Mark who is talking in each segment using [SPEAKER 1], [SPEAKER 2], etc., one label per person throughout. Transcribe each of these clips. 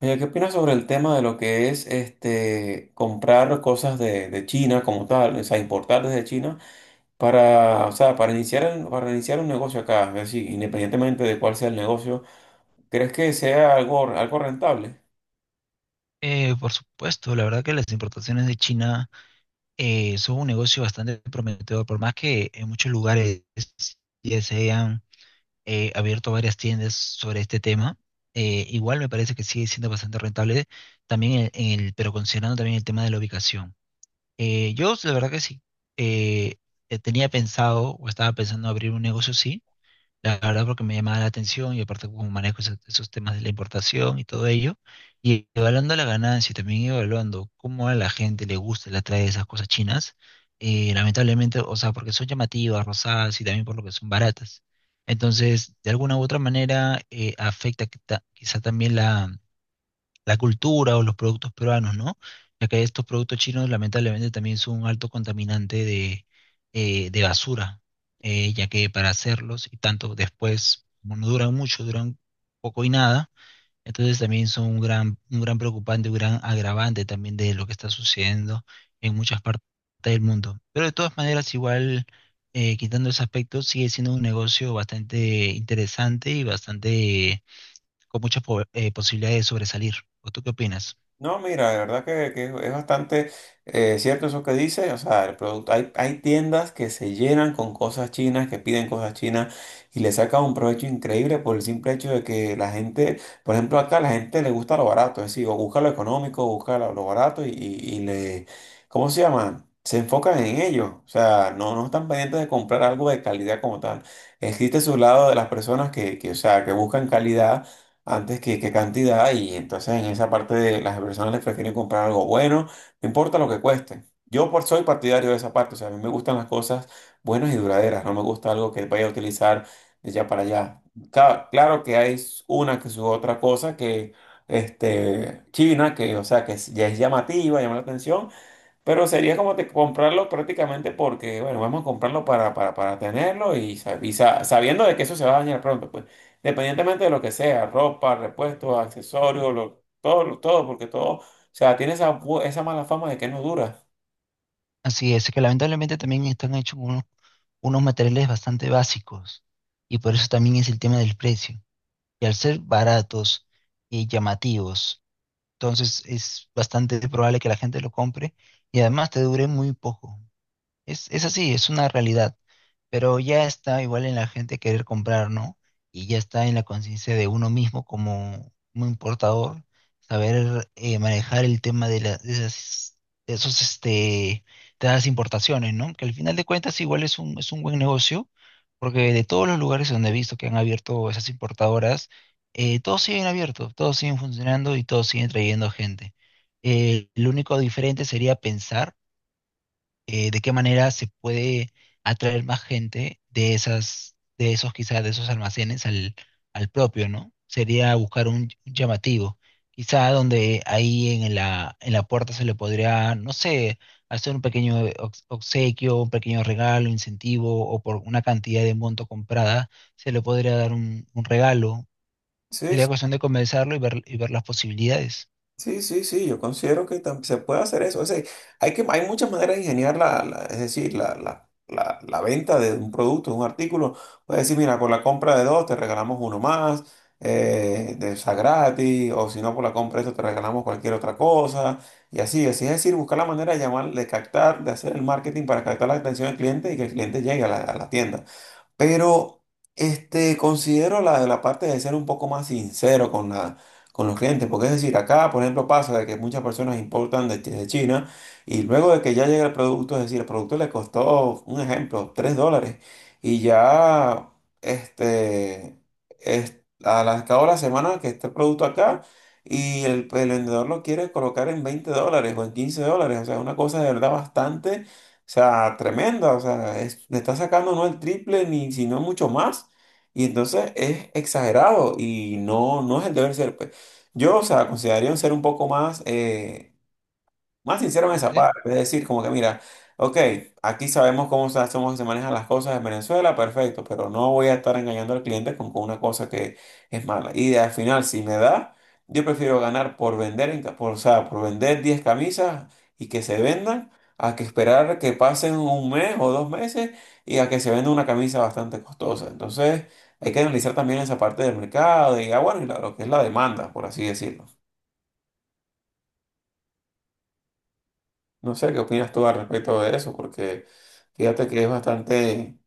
[SPEAKER 1] Oye, ¿qué opinas sobre el tema de lo que es este comprar cosas de China como tal? O sea, importar desde China para, o sea, para iniciar un negocio acá, es decir, independientemente de cuál sea el negocio, ¿crees que sea algo rentable?
[SPEAKER 2] Por supuesto, la verdad que las importaciones de China son un negocio bastante prometedor, por más que en muchos lugares ya se hayan abierto varias tiendas sobre este tema, igual me parece que sigue siendo bastante rentable también en el, pero considerando también el tema de la ubicación. Yo la verdad que sí eh, tenía pensado o estaba pensando abrir un negocio, sí, la verdad porque me llamaba la atención y aparte como manejo esos temas de la importación y todo ello, y evaluando la ganancia y también evaluando cómo a la gente le gusta y le atrae esas cosas chinas. Lamentablemente, o sea, porque son llamativas, rosadas y también por lo que son baratas. Entonces, de alguna u otra manera, afecta quizá también la cultura o los productos peruanos, ¿no? Ya que estos productos chinos lamentablemente también son un alto contaminante de basura, ya que para hacerlos y tanto después, como no duran mucho, duran poco y nada, entonces también son un gran preocupante, un gran agravante también de lo que está sucediendo en muchas partes del mundo. Pero de todas maneras, igual, quitando ese aspecto, sigue siendo un negocio bastante interesante y bastante con muchas posibilidades de sobresalir. ¿O tú qué opinas?
[SPEAKER 1] No, mira, de verdad que, es bastante cierto eso que dice. O sea, el producto, hay tiendas que se llenan con cosas chinas, que piden cosas chinas y le sacan un provecho increíble por el simple hecho de que la gente, por ejemplo, acá la gente le gusta lo barato, es decir, o busca lo económico, busca lo barato y le, ¿cómo se llama? Se enfocan en ello. O sea, no están pendientes de comprar algo de calidad como tal. Existe su lado de las personas o sea, que buscan calidad antes que qué cantidad, y entonces en esa parte de las personas les prefieren comprar algo bueno, no importa lo que cueste. Yo por soy partidario de esa parte, o sea, a mí me gustan las cosas buenas y duraderas, no me gusta algo que vaya a utilizar de ya para allá. Claro que hay una que su otra cosa que China que, o sea, que ya es llamativa, llama la atención, pero sería comprarlo prácticamente porque, bueno, vamos a comprarlo para tenerlo y, sabiendo de que eso se va a dañar pronto, pues, independientemente de lo que sea, ropa, repuestos, accesorios, todo, todo, porque todo, o sea, tiene esa mala fama de que no dura.
[SPEAKER 2] Así es, que lamentablemente también están hechos unos, unos materiales bastante básicos y por eso también es el tema del precio. Y al ser baratos y llamativos, entonces es bastante probable que la gente lo compre y además te dure muy poco. Es, así, es una realidad, pero ya está igual en la gente querer comprar, ¿no? Y ya está en la conciencia de uno mismo como, como importador, saber manejar el tema de, de esas, de esos, este, de esas importaciones, ¿no? Que al final de cuentas igual es un buen negocio, porque de todos los lugares donde he visto que han abierto esas importadoras, todos siguen abiertos, todos siguen funcionando y todos siguen trayendo gente. Lo único diferente sería pensar de qué manera se puede atraer más gente de esas, de esos quizás, de esos almacenes al, al propio, ¿no? Sería buscar un llamativo, quizá donde ahí en la puerta se le podría, no sé, hacer un pequeño obsequio, un pequeño regalo, incentivo, o por una cantidad de monto comprada, se le podría dar un regalo.
[SPEAKER 1] Sí.
[SPEAKER 2] Sería cuestión de comenzarlo y ver las posibilidades.
[SPEAKER 1] Sí, yo considero se puede hacer eso. O sea, hay muchas maneras de ingeniar es decir, la venta de un producto, de un artículo. Puedes decir, mira, por la compra de dos te regalamos uno más, de esa gratis, o si no, por la compra de esto te regalamos cualquier otra cosa, y así, así es decir, buscar la manera de llamar, de captar, de hacer el marketing para captar la atención del cliente y que el cliente llegue a a la tienda. Pero considero la parte de ser un poco más sincero con, con los clientes, porque es decir, acá, por ejemplo, pasa de que muchas personas importan de, de China, y luego de que ya llega el producto, es decir, el producto le costó, un ejemplo, 3 dólares, y ya, este, es, a a cabo de la semana que está el producto acá, y el vendedor lo quiere colocar en 20 dólares o en 15 dólares. O sea, una cosa de verdad bastante, o sea, tremenda. O sea, le está sacando no el triple ni sino mucho más. Y entonces es exagerado y no es el deber ser, pues. Yo, o sea, consideraría un ser un poco más, más sincero en esa
[SPEAKER 2] ¿Entiende?
[SPEAKER 1] parte, es decir, como que mira, ok, aquí sabemos cómo se, somos, se manejan las cosas en Venezuela, perfecto, pero no voy a estar engañando al cliente con una cosa que es mala. Y al final, si me da, yo prefiero ganar por vender, o sea, por vender 10 camisas y que se vendan, a que esperar que pasen un mes o dos meses y a que se venda una camisa bastante costosa. Entonces, hay que analizar también esa parte del mercado y, ah, bueno, y lo que es la demanda, por así decirlo. No sé qué opinas tú al respecto de eso, porque fíjate que es bastante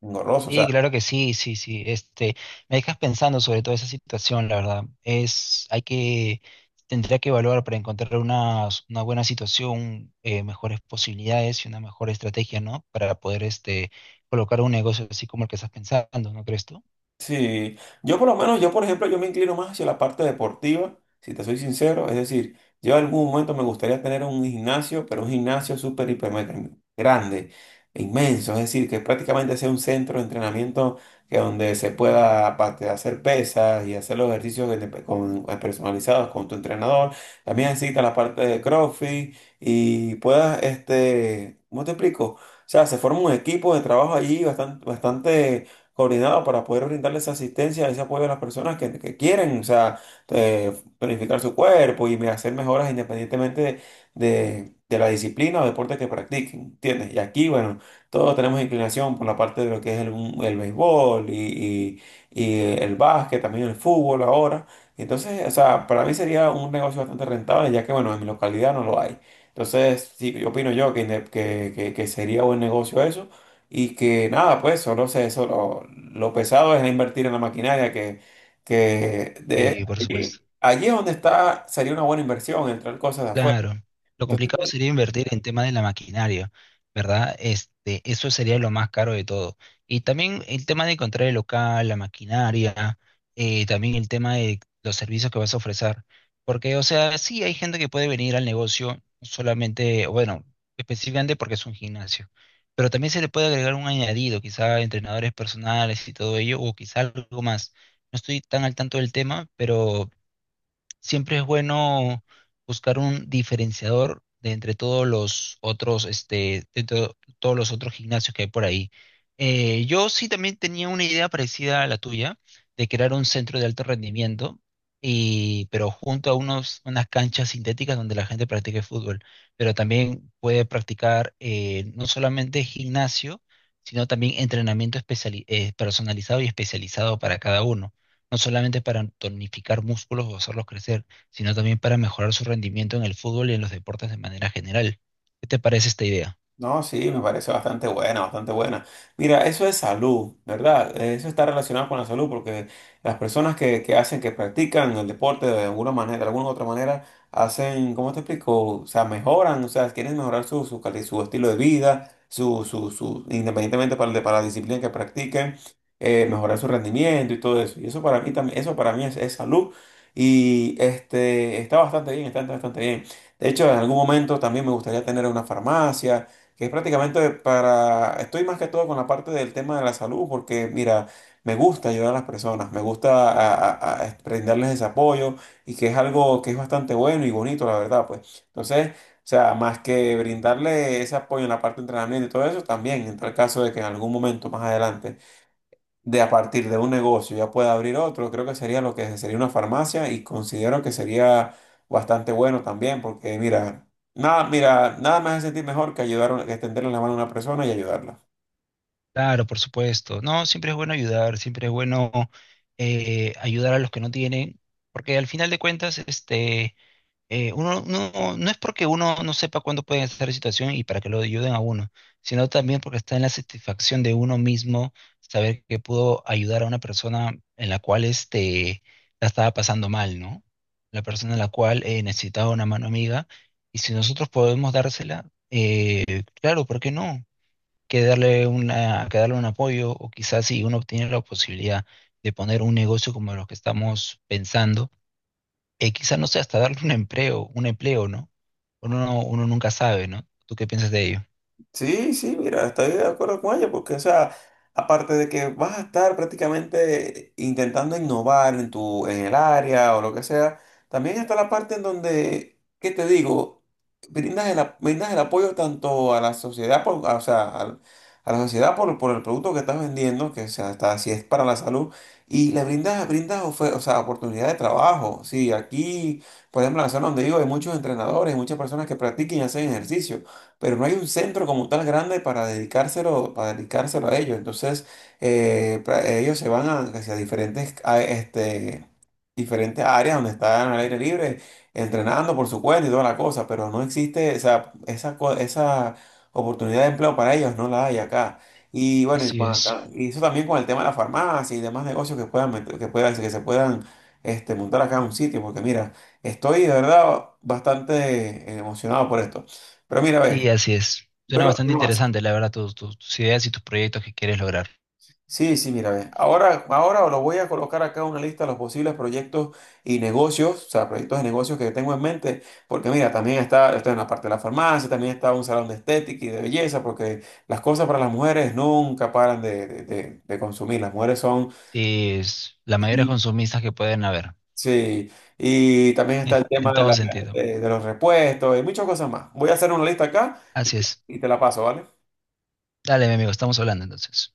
[SPEAKER 1] engorroso. O
[SPEAKER 2] Sí,
[SPEAKER 1] sea,
[SPEAKER 2] claro que sí, sí, sí. Este, me dejas pensando sobre toda esa situación, la verdad. Es, hay que, tendría que evaluar para encontrar una buena situación, mejores posibilidades y una mejor estrategia, ¿no? Para poder, este, colocar un negocio así como el que estás pensando, ¿no crees tú?
[SPEAKER 1] sí, yo por lo menos, yo por ejemplo, yo me inclino más hacia la parte deportiva, si te soy sincero, es decir, yo en algún momento me gustaría tener un gimnasio, pero un gimnasio súper, hiper, mega grande, inmenso, es decir, que prácticamente sea un centro de entrenamiento que donde se pueda aparte, hacer pesas y hacer los ejercicios personalizados con tu entrenador, también necesita la parte de CrossFit y puedas, ¿cómo te explico? O sea, se forma un equipo de trabajo allí bastante coordinado para poder brindarles asistencia, ese apoyo a las personas que quieren, o sea, eh, tonificar su cuerpo y hacer mejoras independientemente de, de la disciplina o deporte que practiquen, ¿entiendes? Y aquí, bueno, todos tenemos inclinación por la parte de lo que es el béisbol y el básquet, también el fútbol ahora. Entonces, o sea, para mí sería un negocio bastante rentable, ya que, bueno, en mi localidad no lo hay. Entonces, sí, yo opino yo que, que sería buen negocio eso. Y que nada, pues solo lo pesado es invertir en la maquinaria que de
[SPEAKER 2] Y por supuesto.
[SPEAKER 1] allí, allí es donde está, sería una buena inversión, entrar cosas de afuera.
[SPEAKER 2] Claro, lo
[SPEAKER 1] Entonces,
[SPEAKER 2] complicado sería invertir en tema de la maquinaria, ¿verdad? Este, eso sería lo más caro de todo. Y también el tema de encontrar el local, la maquinaria, también el tema de los servicios que vas a ofrecer. Porque, o sea, sí hay gente que puede venir al negocio solamente, bueno, específicamente porque es un gimnasio, pero también se le puede agregar un añadido, quizá entrenadores personales y todo ello, o quizá algo más. No estoy tan al tanto del tema, pero siempre es bueno buscar un diferenciador de entre todos los otros, este, de todos los otros gimnasios que hay por ahí. Yo sí también tenía una idea parecida a la tuya, de crear un centro de alto rendimiento, y, pero junto a unos, unas canchas sintéticas donde la gente practique fútbol, pero también puede practicar no solamente gimnasio, sino también entrenamiento personalizado y especializado para cada uno no solamente para tonificar músculos o hacerlos crecer, sino también para mejorar su rendimiento en el fútbol y en los deportes de manera general. ¿Qué te parece esta idea?
[SPEAKER 1] no, sí, me parece bastante buena, bastante buena. Mira, eso es salud, ¿verdad? Eso está relacionado con la salud porque las personas que hacen, que practican el deporte de alguna manera, de alguna u otra manera, hacen, ¿cómo te explico? O sea, mejoran, o sea, quieren mejorar su estilo de vida, independientemente para, para la disciplina que practiquen, mejorar su rendimiento y todo eso. Y eso para mí también, eso para mí es salud, y este, está bastante bien, está bastante bien. De hecho, en algún momento también me gustaría tener una farmacia que es prácticamente para, estoy más que todo con la parte del tema de la salud, porque mira, me gusta ayudar a las personas, me gusta a brindarles ese apoyo, y que es algo que es bastante bueno y bonito, la verdad, pues. Entonces, o sea, más que brindarle ese apoyo en la parte de entrenamiento y todo eso, también entra el caso de que en algún momento más adelante, de a partir de un negocio ya pueda abrir otro, creo que sería lo que sería una farmacia, y considero que sería bastante bueno también, porque mira, nada me hace sentir mejor que ayudar, que extenderle la mano a una persona y ayudarla.
[SPEAKER 2] Claro, por supuesto. No, siempre es bueno ayudar, siempre es bueno ayudar a los que no tienen, porque al final de cuentas, este, uno no, no es porque uno no sepa cuándo puede estar en situación y para que lo ayuden a uno, sino también porque está en la satisfacción de uno mismo saber que pudo ayudar a una persona en la cual este, la estaba pasando mal, ¿no? La persona en la cual necesitaba una mano amiga y si nosotros podemos dársela, claro, ¿por qué no? Que darle una, que darle un apoyo o quizás si uno tiene la posibilidad de poner un negocio como los que estamos pensando quizás no sé, hasta darle un empleo, ¿no? Uno, uno nunca sabe, ¿no? ¿Tú qué piensas de ello?
[SPEAKER 1] Sí, sí, mira, estoy de acuerdo con ella, porque, o sea, aparte de que vas a estar prácticamente intentando innovar en tu, en el área o lo que sea, también está la parte en donde, ¿qué te digo? Brindas el apoyo tanto a la sociedad, o sea, la sociedad por el producto que estás vendiendo, que, o sea, está, si es para la salud, y le brindas, o sea, oportunidad de trabajo. Sí, aquí, por ejemplo, en la zona donde vivo hay muchos entrenadores, muchas personas que practiquen y hacen ejercicio, pero no hay un centro como tal grande para dedicárselo a ellos. Entonces, ellos se van a, hacia diferentes, diferentes áreas donde están al aire libre, entrenando por su cuenta y toda la cosa, pero no existe, o sea, esa oportunidad de empleo para ellos no la hay acá. Y bueno,
[SPEAKER 2] Así es.
[SPEAKER 1] y eso también con el tema de la farmacia y demás negocios que puedan, que se puedan montar acá en un sitio, porque mira, estoy de verdad bastante emocionado por esto. Pero mira, ve.
[SPEAKER 2] Sí, así es. Suena
[SPEAKER 1] Pero,
[SPEAKER 2] bastante
[SPEAKER 1] no,
[SPEAKER 2] interesante, la verdad, tus, tus, tus ideas y tus proyectos que quieres lograr.
[SPEAKER 1] sí, sí, mira, ve. Ahora os lo voy a colocar acá una lista de los posibles proyectos y negocios, o sea, proyectos de negocios que tengo en mente, porque mira, también está en la parte de la farmacia, también está un salón de estética y de belleza, porque las cosas para las mujeres nunca paran de, de consumir, las mujeres son...
[SPEAKER 2] Sí, es la mayoría de
[SPEAKER 1] y-
[SPEAKER 2] consumistas que pueden haber,
[SPEAKER 1] Sí, y también está el tema
[SPEAKER 2] en
[SPEAKER 1] de,
[SPEAKER 2] todo sentido.
[SPEAKER 1] de los repuestos y muchas cosas más. Voy a hacer una lista acá y,
[SPEAKER 2] Así es.
[SPEAKER 1] y te la paso, ¿vale?
[SPEAKER 2] Dale, mi amigo, estamos hablando entonces.